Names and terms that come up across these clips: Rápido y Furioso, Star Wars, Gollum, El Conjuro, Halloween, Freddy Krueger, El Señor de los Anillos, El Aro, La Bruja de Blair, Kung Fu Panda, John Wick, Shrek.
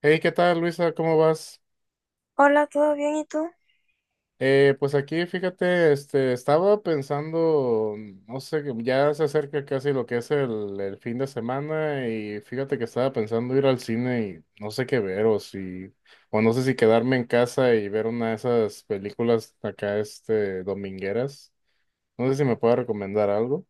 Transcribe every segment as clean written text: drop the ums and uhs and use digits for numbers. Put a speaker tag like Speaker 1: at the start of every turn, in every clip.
Speaker 1: Hey, ¿qué tal, Luisa? ¿Cómo vas?
Speaker 2: Hola, ¿todo bien? ¿Y tú?
Speaker 1: Pues aquí, fíjate, este, estaba pensando, no sé, que ya se acerca casi lo que es el fin de semana y fíjate que estaba pensando ir al cine y no sé qué ver o no sé si quedarme en casa y ver una de esas películas acá, este, domingueras. No sé si me puede recomendar algo.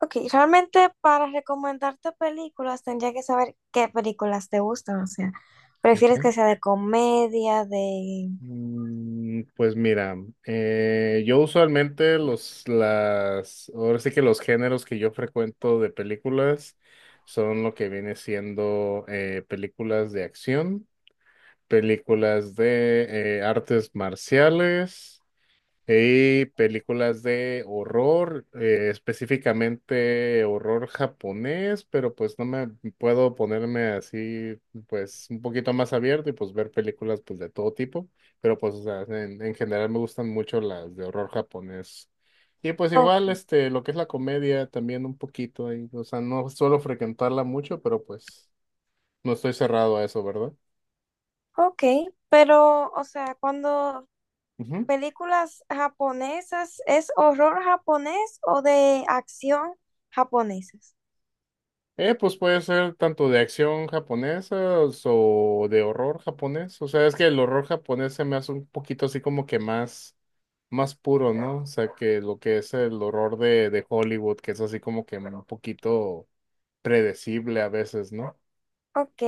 Speaker 2: Ok, realmente para recomendarte películas tendría que saber qué películas te gustan, o sea, prefieres que sea de comedia, de...
Speaker 1: Pues mira, yo usualmente ahora sí que los géneros que yo frecuento de películas son lo que viene siendo películas de acción, películas de artes marciales y películas de horror, específicamente horror japonés, pero pues no me puedo ponerme así, pues un poquito más abierto y pues ver películas pues de todo tipo, pero pues o sea, en general me gustan mucho las de horror japonés. Y pues
Speaker 2: Oh,
Speaker 1: igual, este, lo que es la comedia también un poquito ahí, o sea, no suelo frecuentarla mucho, pero pues no estoy cerrado a eso, ¿verdad?
Speaker 2: ok, pero, o sea, cuando películas japonesas, ¿es horror japonés o de acción japonesas?
Speaker 1: Pues puede ser tanto de acción japonesa o de horror japonés. O sea, es que el horror japonés se me hace un poquito así como que más puro, ¿no? O sea, que lo que es el horror de Hollywood, que es así como que un poquito predecible a veces, ¿no?
Speaker 2: Ok,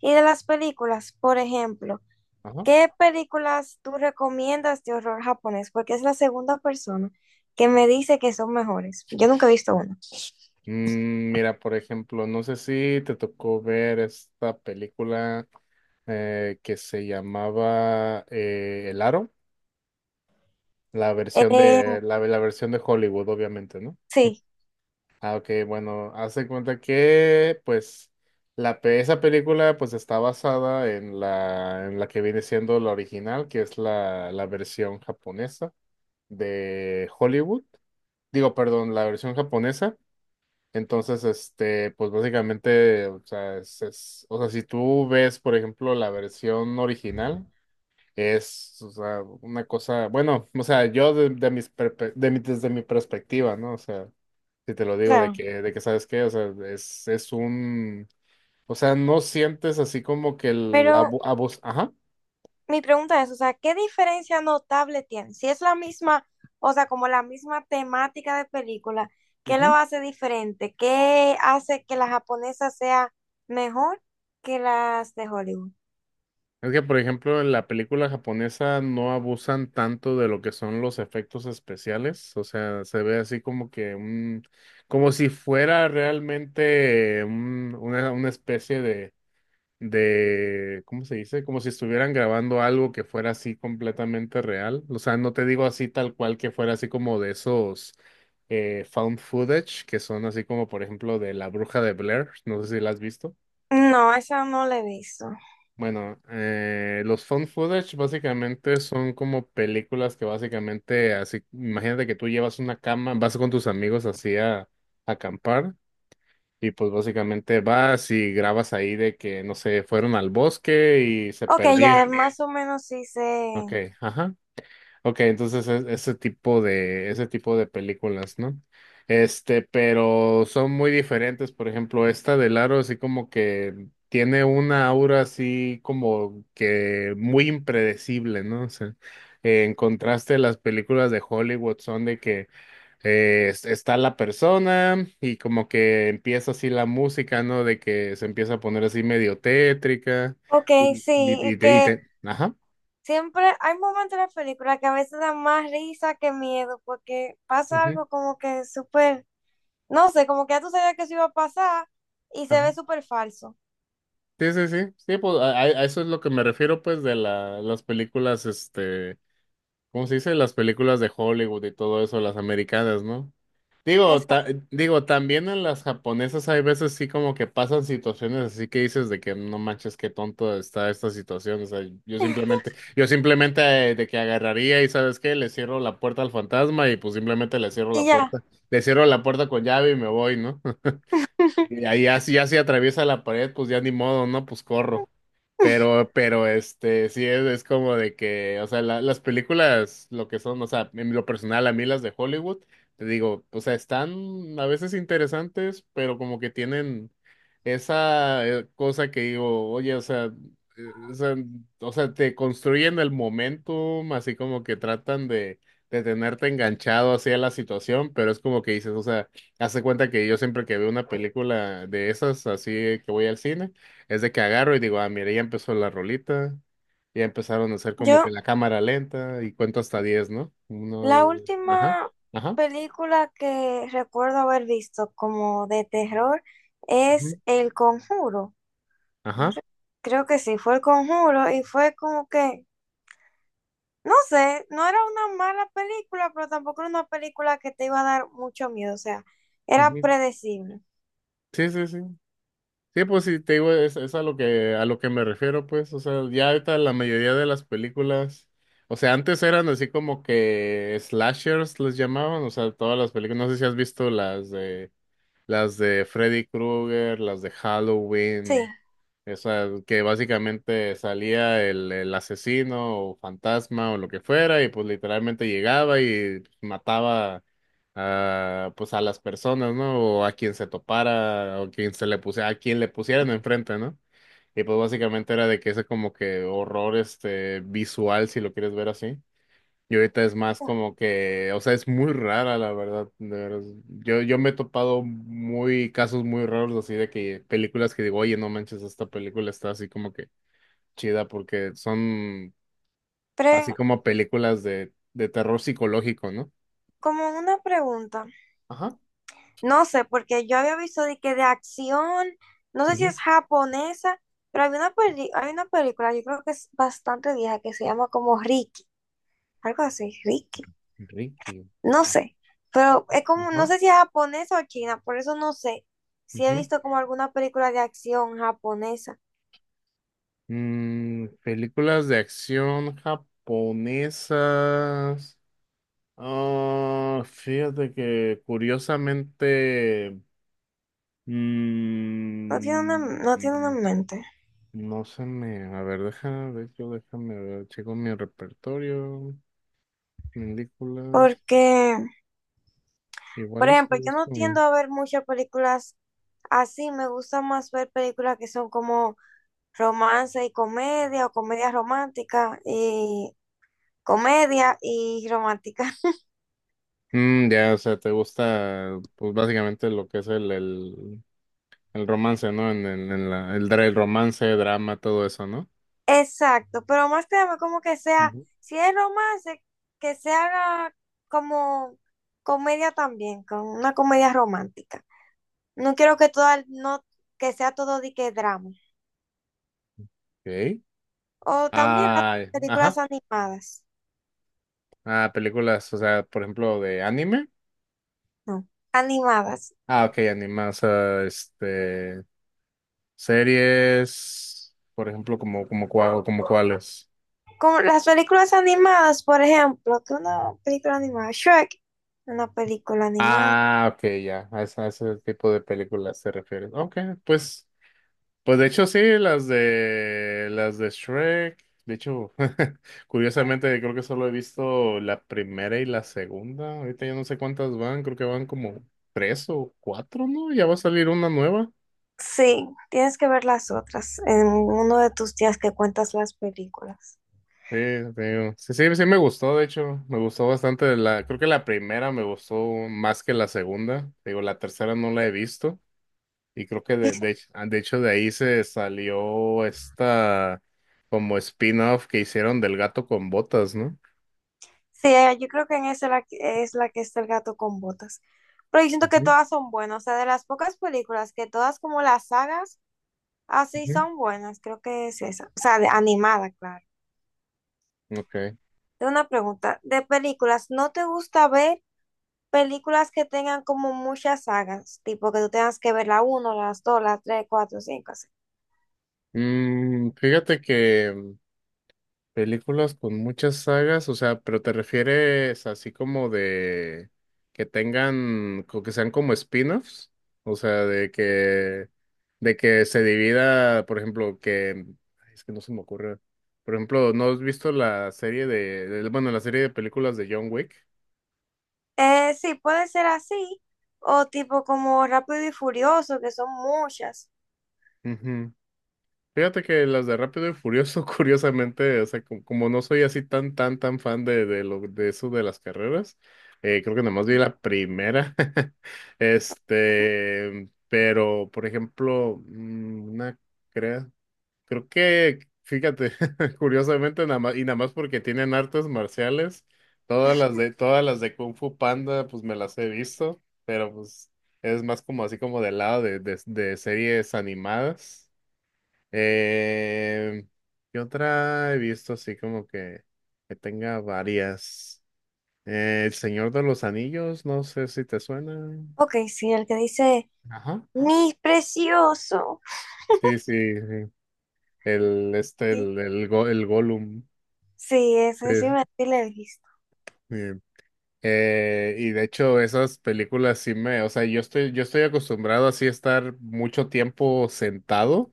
Speaker 2: y de las películas, por ejemplo,
Speaker 1: Ajá.
Speaker 2: ¿qué películas tú recomiendas de horror japonés? Porque es la segunda persona que me dice que son mejores. Yo nunca he visto una.
Speaker 1: Mira, por ejemplo, no sé si te tocó ver esta película que se llamaba El Aro, la versión
Speaker 2: Eh,
Speaker 1: de, la la versión de Hollywood, obviamente, ¿no?
Speaker 2: sí,
Speaker 1: Ah, ok, bueno, hace cuenta que, pues, esa película, pues, está basada en la que viene siendo la original, que es la versión japonesa de Hollywood. Digo, perdón, la versión japonesa. Entonces, este, pues, básicamente, o sea, o sea, si tú ves, por ejemplo, la versión original, es, o sea, una cosa, bueno, o sea, yo de mis, perpe- de mi- desde mi perspectiva, ¿no? O sea. Si te lo digo de
Speaker 2: claro.
Speaker 1: que, de que sabes qué, o sea, es un, o sea, no sientes así como que el
Speaker 2: Pero
Speaker 1: abu- abus, Ajá.
Speaker 2: mi pregunta es, o sea, ¿qué diferencia notable tiene? Si es la misma, o sea, como la misma temática de película, ¿qué lo
Speaker 1: Ujú.
Speaker 2: hace diferente? ¿Qué hace que la japonesa sea mejor que las de Hollywood?
Speaker 1: Es que, por ejemplo, en la película japonesa no abusan tanto de lo que son los efectos especiales, o sea, se ve así como que un, como si fuera realmente una especie de, ¿cómo se dice? Como si estuvieran grabando algo que fuera así completamente real. O sea, no te digo así tal cual que fuera así como de esos found footage, que son así como por ejemplo de La Bruja de Blair, no sé si la has visto.
Speaker 2: No, esa no la he visto.
Speaker 1: Bueno, los found footage básicamente son como películas que básicamente así, imagínate que tú llevas una cama, vas con tus amigos así a acampar. Y pues básicamente vas y grabas ahí de que, no sé, fueron al bosque y se
Speaker 2: Ok,
Speaker 1: perdieron.
Speaker 2: ya más o menos sí sé.
Speaker 1: Okay, ajá. Okay, entonces ese tipo de películas, ¿no? Este, pero son muy diferentes. Por ejemplo, esta del Aro, así como que tiene una aura así como que muy impredecible, ¿no? O sea, en contraste, las películas de Hollywood son de que está la persona y como que empieza así la música, ¿no? De que se empieza a poner así medio tétrica
Speaker 2: Ok,
Speaker 1: y,
Speaker 2: sí,
Speaker 1: y,
Speaker 2: y
Speaker 1: y te, y
Speaker 2: que
Speaker 1: te- Ajá.
Speaker 2: siempre hay momentos en la película que a veces dan más risa que miedo, porque pasa
Speaker 1: Ujú,
Speaker 2: algo como que súper... No sé, como que ya tú sabías que eso iba a pasar y se
Speaker 1: ajá.
Speaker 2: ve súper falso.
Speaker 1: Sí, sí, sí, sí, pues a eso es lo que me refiero, pues, de las películas, este, ¿cómo se dice? Las películas de Hollywood y todo eso, las americanas, ¿no? Digo, ta-
Speaker 2: Exacto.
Speaker 1: digo, también en las japonesas hay veces sí como que pasan situaciones así que dices de que no manches, qué tonto está esta situación, o sea, yo simplemente de que agarraría y ¿sabes qué? Le cierro la puerta al fantasma y pues simplemente le cierro
Speaker 2: Y
Speaker 1: la
Speaker 2: ya.
Speaker 1: puerta, le cierro la puerta con llave y me voy, ¿no? Y ahí así, ya si atraviesa la pared, pues ya ni modo, ¿no? Pues corro. Pero, este, sí es como de que, o sea, las películas, lo que son, o sea, en lo personal, a mí las de Hollywood, te digo, o sea, están a veces interesantes, pero como que tienen esa cosa que digo, oye, o sea, o sea, o sea, te construyen el momentum, así como que tratan de tenerte enganchado hacia la situación, pero es como que dices, o sea, hace cuenta que yo siempre que veo una película de esas, así que voy al cine, es de que agarro y digo, ah, mira, ya empezó la rolita, ya empezaron a hacer como que
Speaker 2: Yo,
Speaker 1: la cámara lenta y cuento hasta diez, ¿no?
Speaker 2: la
Speaker 1: Uno, ajá,
Speaker 2: última
Speaker 1: ajá,
Speaker 2: película que recuerdo haber visto como de terror
Speaker 1: ujú,
Speaker 2: es El Conjuro. No
Speaker 1: ajá,
Speaker 2: sé, creo que sí, fue El Conjuro y fue como que, no sé, no era una mala película, pero tampoco era una película que te iba a dar mucho miedo, o sea, era
Speaker 1: ujú.
Speaker 2: predecible.
Speaker 1: Sí, sí, sí. Sí, pues sí, te digo, es a lo que, me refiero, pues, o sea, ya ahorita la mayoría de las películas, o sea, antes eran así como que slashers les llamaban, o sea, todas las películas, no sé si has visto las de... Las de Freddy Krueger, las de
Speaker 2: Sí,
Speaker 1: Halloween, esa que básicamente salía el asesino o fantasma o lo que fuera y pues literalmente llegaba y mataba a, pues a las personas, ¿no? O a quien se topara o quien se le puse, a quien le pusieran enfrente, ¿no? Y pues básicamente era de que ese como que horror este visual, si lo quieres ver así. Y ahorita es más como que, o sea, es muy rara, la verdad. De veras. Yo, me he topado muy casos muy raros así de que películas que digo, oye, no manches, esta película está así como que chida porque son así
Speaker 2: pre-
Speaker 1: como películas de terror psicológico, ¿no?
Speaker 2: como una pregunta.
Speaker 1: Ajá.
Speaker 2: No sé, porque yo había visto de que de acción, no sé si
Speaker 1: Ujú,
Speaker 2: es japonesa, pero hay una peli- hay una película, yo creo que es bastante vieja, que se llama como Ricky, algo así, Ricky,
Speaker 1: Ricky.
Speaker 2: no
Speaker 1: Ah,
Speaker 2: sé, pero es como, no
Speaker 1: ajá.
Speaker 2: sé si es japonesa o china, por eso no sé si he
Speaker 1: Ujú.
Speaker 2: visto como alguna película de acción japonesa,
Speaker 1: Películas de acción japonesas. Ah, fíjate que curiosamente.
Speaker 2: no tiene una,
Speaker 1: Mm,
Speaker 2: no tiene una
Speaker 1: mm,
Speaker 2: en mente,
Speaker 1: no se me. A ver, déjame ver, yo déjame ver. Checo mi repertorio, películas.
Speaker 2: porque, por
Speaker 1: Igual y sí he
Speaker 2: ejemplo, yo no
Speaker 1: visto
Speaker 2: tiendo
Speaker 1: un-
Speaker 2: a ver muchas películas así, me gusta más ver películas que son como romance y comedia o comedia romántica y comedia y romántica.
Speaker 1: Ya, o sea, te gusta, pues básicamente lo que es el romance, ¿no? En el romance, drama, todo eso, ¿no?
Speaker 2: Exacto, pero más que nada como que sea,
Speaker 1: Ujú.
Speaker 2: si es romance, que se haga como comedia también, con una comedia romántica. No quiero que todo, no, que sea todo de que drama.
Speaker 1: Ok.
Speaker 2: O también las
Speaker 1: Ah,
Speaker 2: películas
Speaker 1: ajá.
Speaker 2: animadas,
Speaker 1: Ah, películas, o sea, por ejemplo, de anime.
Speaker 2: no, animadas.
Speaker 1: Ah, ok, anime, o sea, este. Series, por ejemplo, como cuáles.
Speaker 2: Como las películas animadas, por ejemplo, que una película animada, Shrek, una película animada.
Speaker 1: Ah, ok, ya, a ese tipo de películas te refieres. Ok, pues, pues de hecho sí, las de Shrek, de hecho, curiosamente creo que solo he visto la primera y la segunda, ahorita ya no sé cuántas van, creo que van como tres o cuatro, ¿no? Ya va a salir una nueva.
Speaker 2: Sí, tienes que ver las otras en uno de tus días que cuentas las películas.
Speaker 1: Sí, te digo. Sí, sí, sí me gustó, de hecho, me gustó bastante creo que la primera me gustó más que la segunda, te digo, la tercera no la he visto y creo que
Speaker 2: Y
Speaker 1: de hecho de ahí se salió esta como spin-off que hicieron del gato con botas, ¿no?
Speaker 2: sí, yo creo que en esa es la que está el gato con botas. Pero yo siento que
Speaker 1: Ujú,
Speaker 2: todas son buenas, o sea, de las pocas películas que todas como las sagas así
Speaker 1: ujú.
Speaker 2: son buenas, creo que es esa. O sea, de- animada, claro.
Speaker 1: Ok.
Speaker 2: Tengo una pregunta, de películas, ¿no te gusta ver películas que tengan como muchas sagas? Tipo que tú tengas que ver la uno, las 2, las 3, 4, 5...
Speaker 1: Fíjate que películas con muchas sagas, o sea, pero te refieres así como de que tengan, que sean como spin-offs, o sea, de que se divida, por ejemplo, que, ay, es que no se me ocurre, por ejemplo, ¿no has visto la serie de, bueno, la serie de películas de John Wick?
Speaker 2: Sí, puede ser así, o tipo como Rápido y Furioso, que son muchas.
Speaker 1: Ujú. Fíjate que las de Rápido y Furioso, curiosamente, o sea, como no soy así tan, tan, tan fan de, de eso de las carreras, creo que nada más vi la primera. Este, pero, por ejemplo, una, creo, creo que, fíjate, curiosamente, nada más, y nada más porque tienen artes marciales, todas las de Kung Fu Panda, pues me las he visto, pero pues es más como así como del lado de series animadas. Eh, ¿Qué otra he visto así como que tenga varias? El Señor de los Anillos, no sé si te suena.
Speaker 2: Ok, sí, el que dice,
Speaker 1: Ajá.
Speaker 2: mi precioso.
Speaker 1: Sí, sí, sí. El, este,
Speaker 2: Sí,
Speaker 1: el, Go- el Gollum.
Speaker 2: sí,
Speaker 1: Sí,
Speaker 2: ese sí me sí lo he visto.
Speaker 1: sí. Y de hecho, esas películas sí me, o sea, yo estoy acostumbrado así a estar mucho tiempo sentado.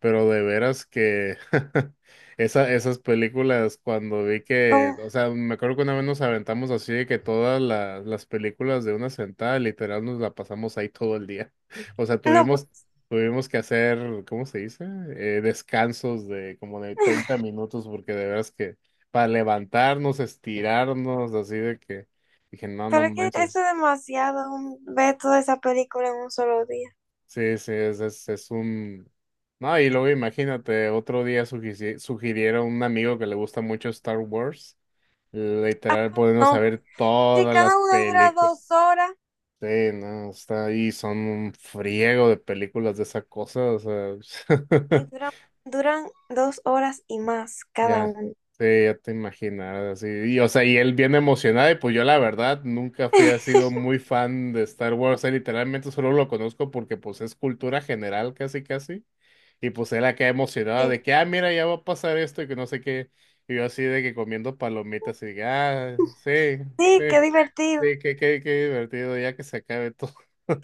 Speaker 1: Pero de veras que esas películas, cuando vi que,
Speaker 2: Como-
Speaker 1: o sea, me acuerdo que una vez nos aventamos así de que todas las películas de una sentada, literal, nos la pasamos ahí todo el día. O sea,
Speaker 2: no, por-
Speaker 1: tuvimos que hacer, ¿cómo se dice? Descansos de como de 30 minutos, porque de veras que para levantarnos, estirarnos, así de que dije, no, no
Speaker 2: pero es que
Speaker 1: manches.
Speaker 2: eso es demasiado, ver toda esa película en un solo día.
Speaker 1: Sí, sí, es un... No, y luego imagínate, otro día sugirieron a un amigo que le gusta mucho Star Wars, literal, poniéndose
Speaker 2: No,
Speaker 1: saber
Speaker 2: sí,
Speaker 1: todas las
Speaker 2: cada una dura
Speaker 1: películas.
Speaker 2: 2 horas
Speaker 1: Sí, no, está ahí, son un friego de películas de esa cosa, o sea,
Speaker 2: y duran 2 horas y más cada
Speaker 1: ya,
Speaker 2: uno.
Speaker 1: sí, ya te imaginas, así, y, o sea, y él bien emocionado, y pues yo la verdad nunca fui, ha sido muy fan de Star Wars, o sea, literalmente solo lo conozco porque pues es cultura general casi casi. Y pues él acá emocionado
Speaker 2: Sí,
Speaker 1: de que, ah, mira, ya va a pasar esto y que no sé qué. Y yo así de que comiendo palomitas y de que, ah, sí, sí,
Speaker 2: sí, qué divertido.
Speaker 1: sí, qué divertido, ya que se acabe todo.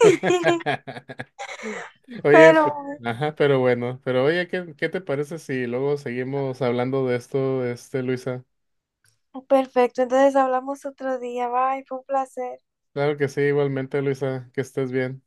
Speaker 1: Oye,
Speaker 2: Pero...
Speaker 1: ajá, pero bueno, pero oye, ¿qué te parece si luego seguimos hablando de esto, este, Luisa?
Speaker 2: Perfecto, entonces hablamos otro día. Bye, fue un placer.
Speaker 1: Claro que sí, igualmente, Luisa, que estés bien.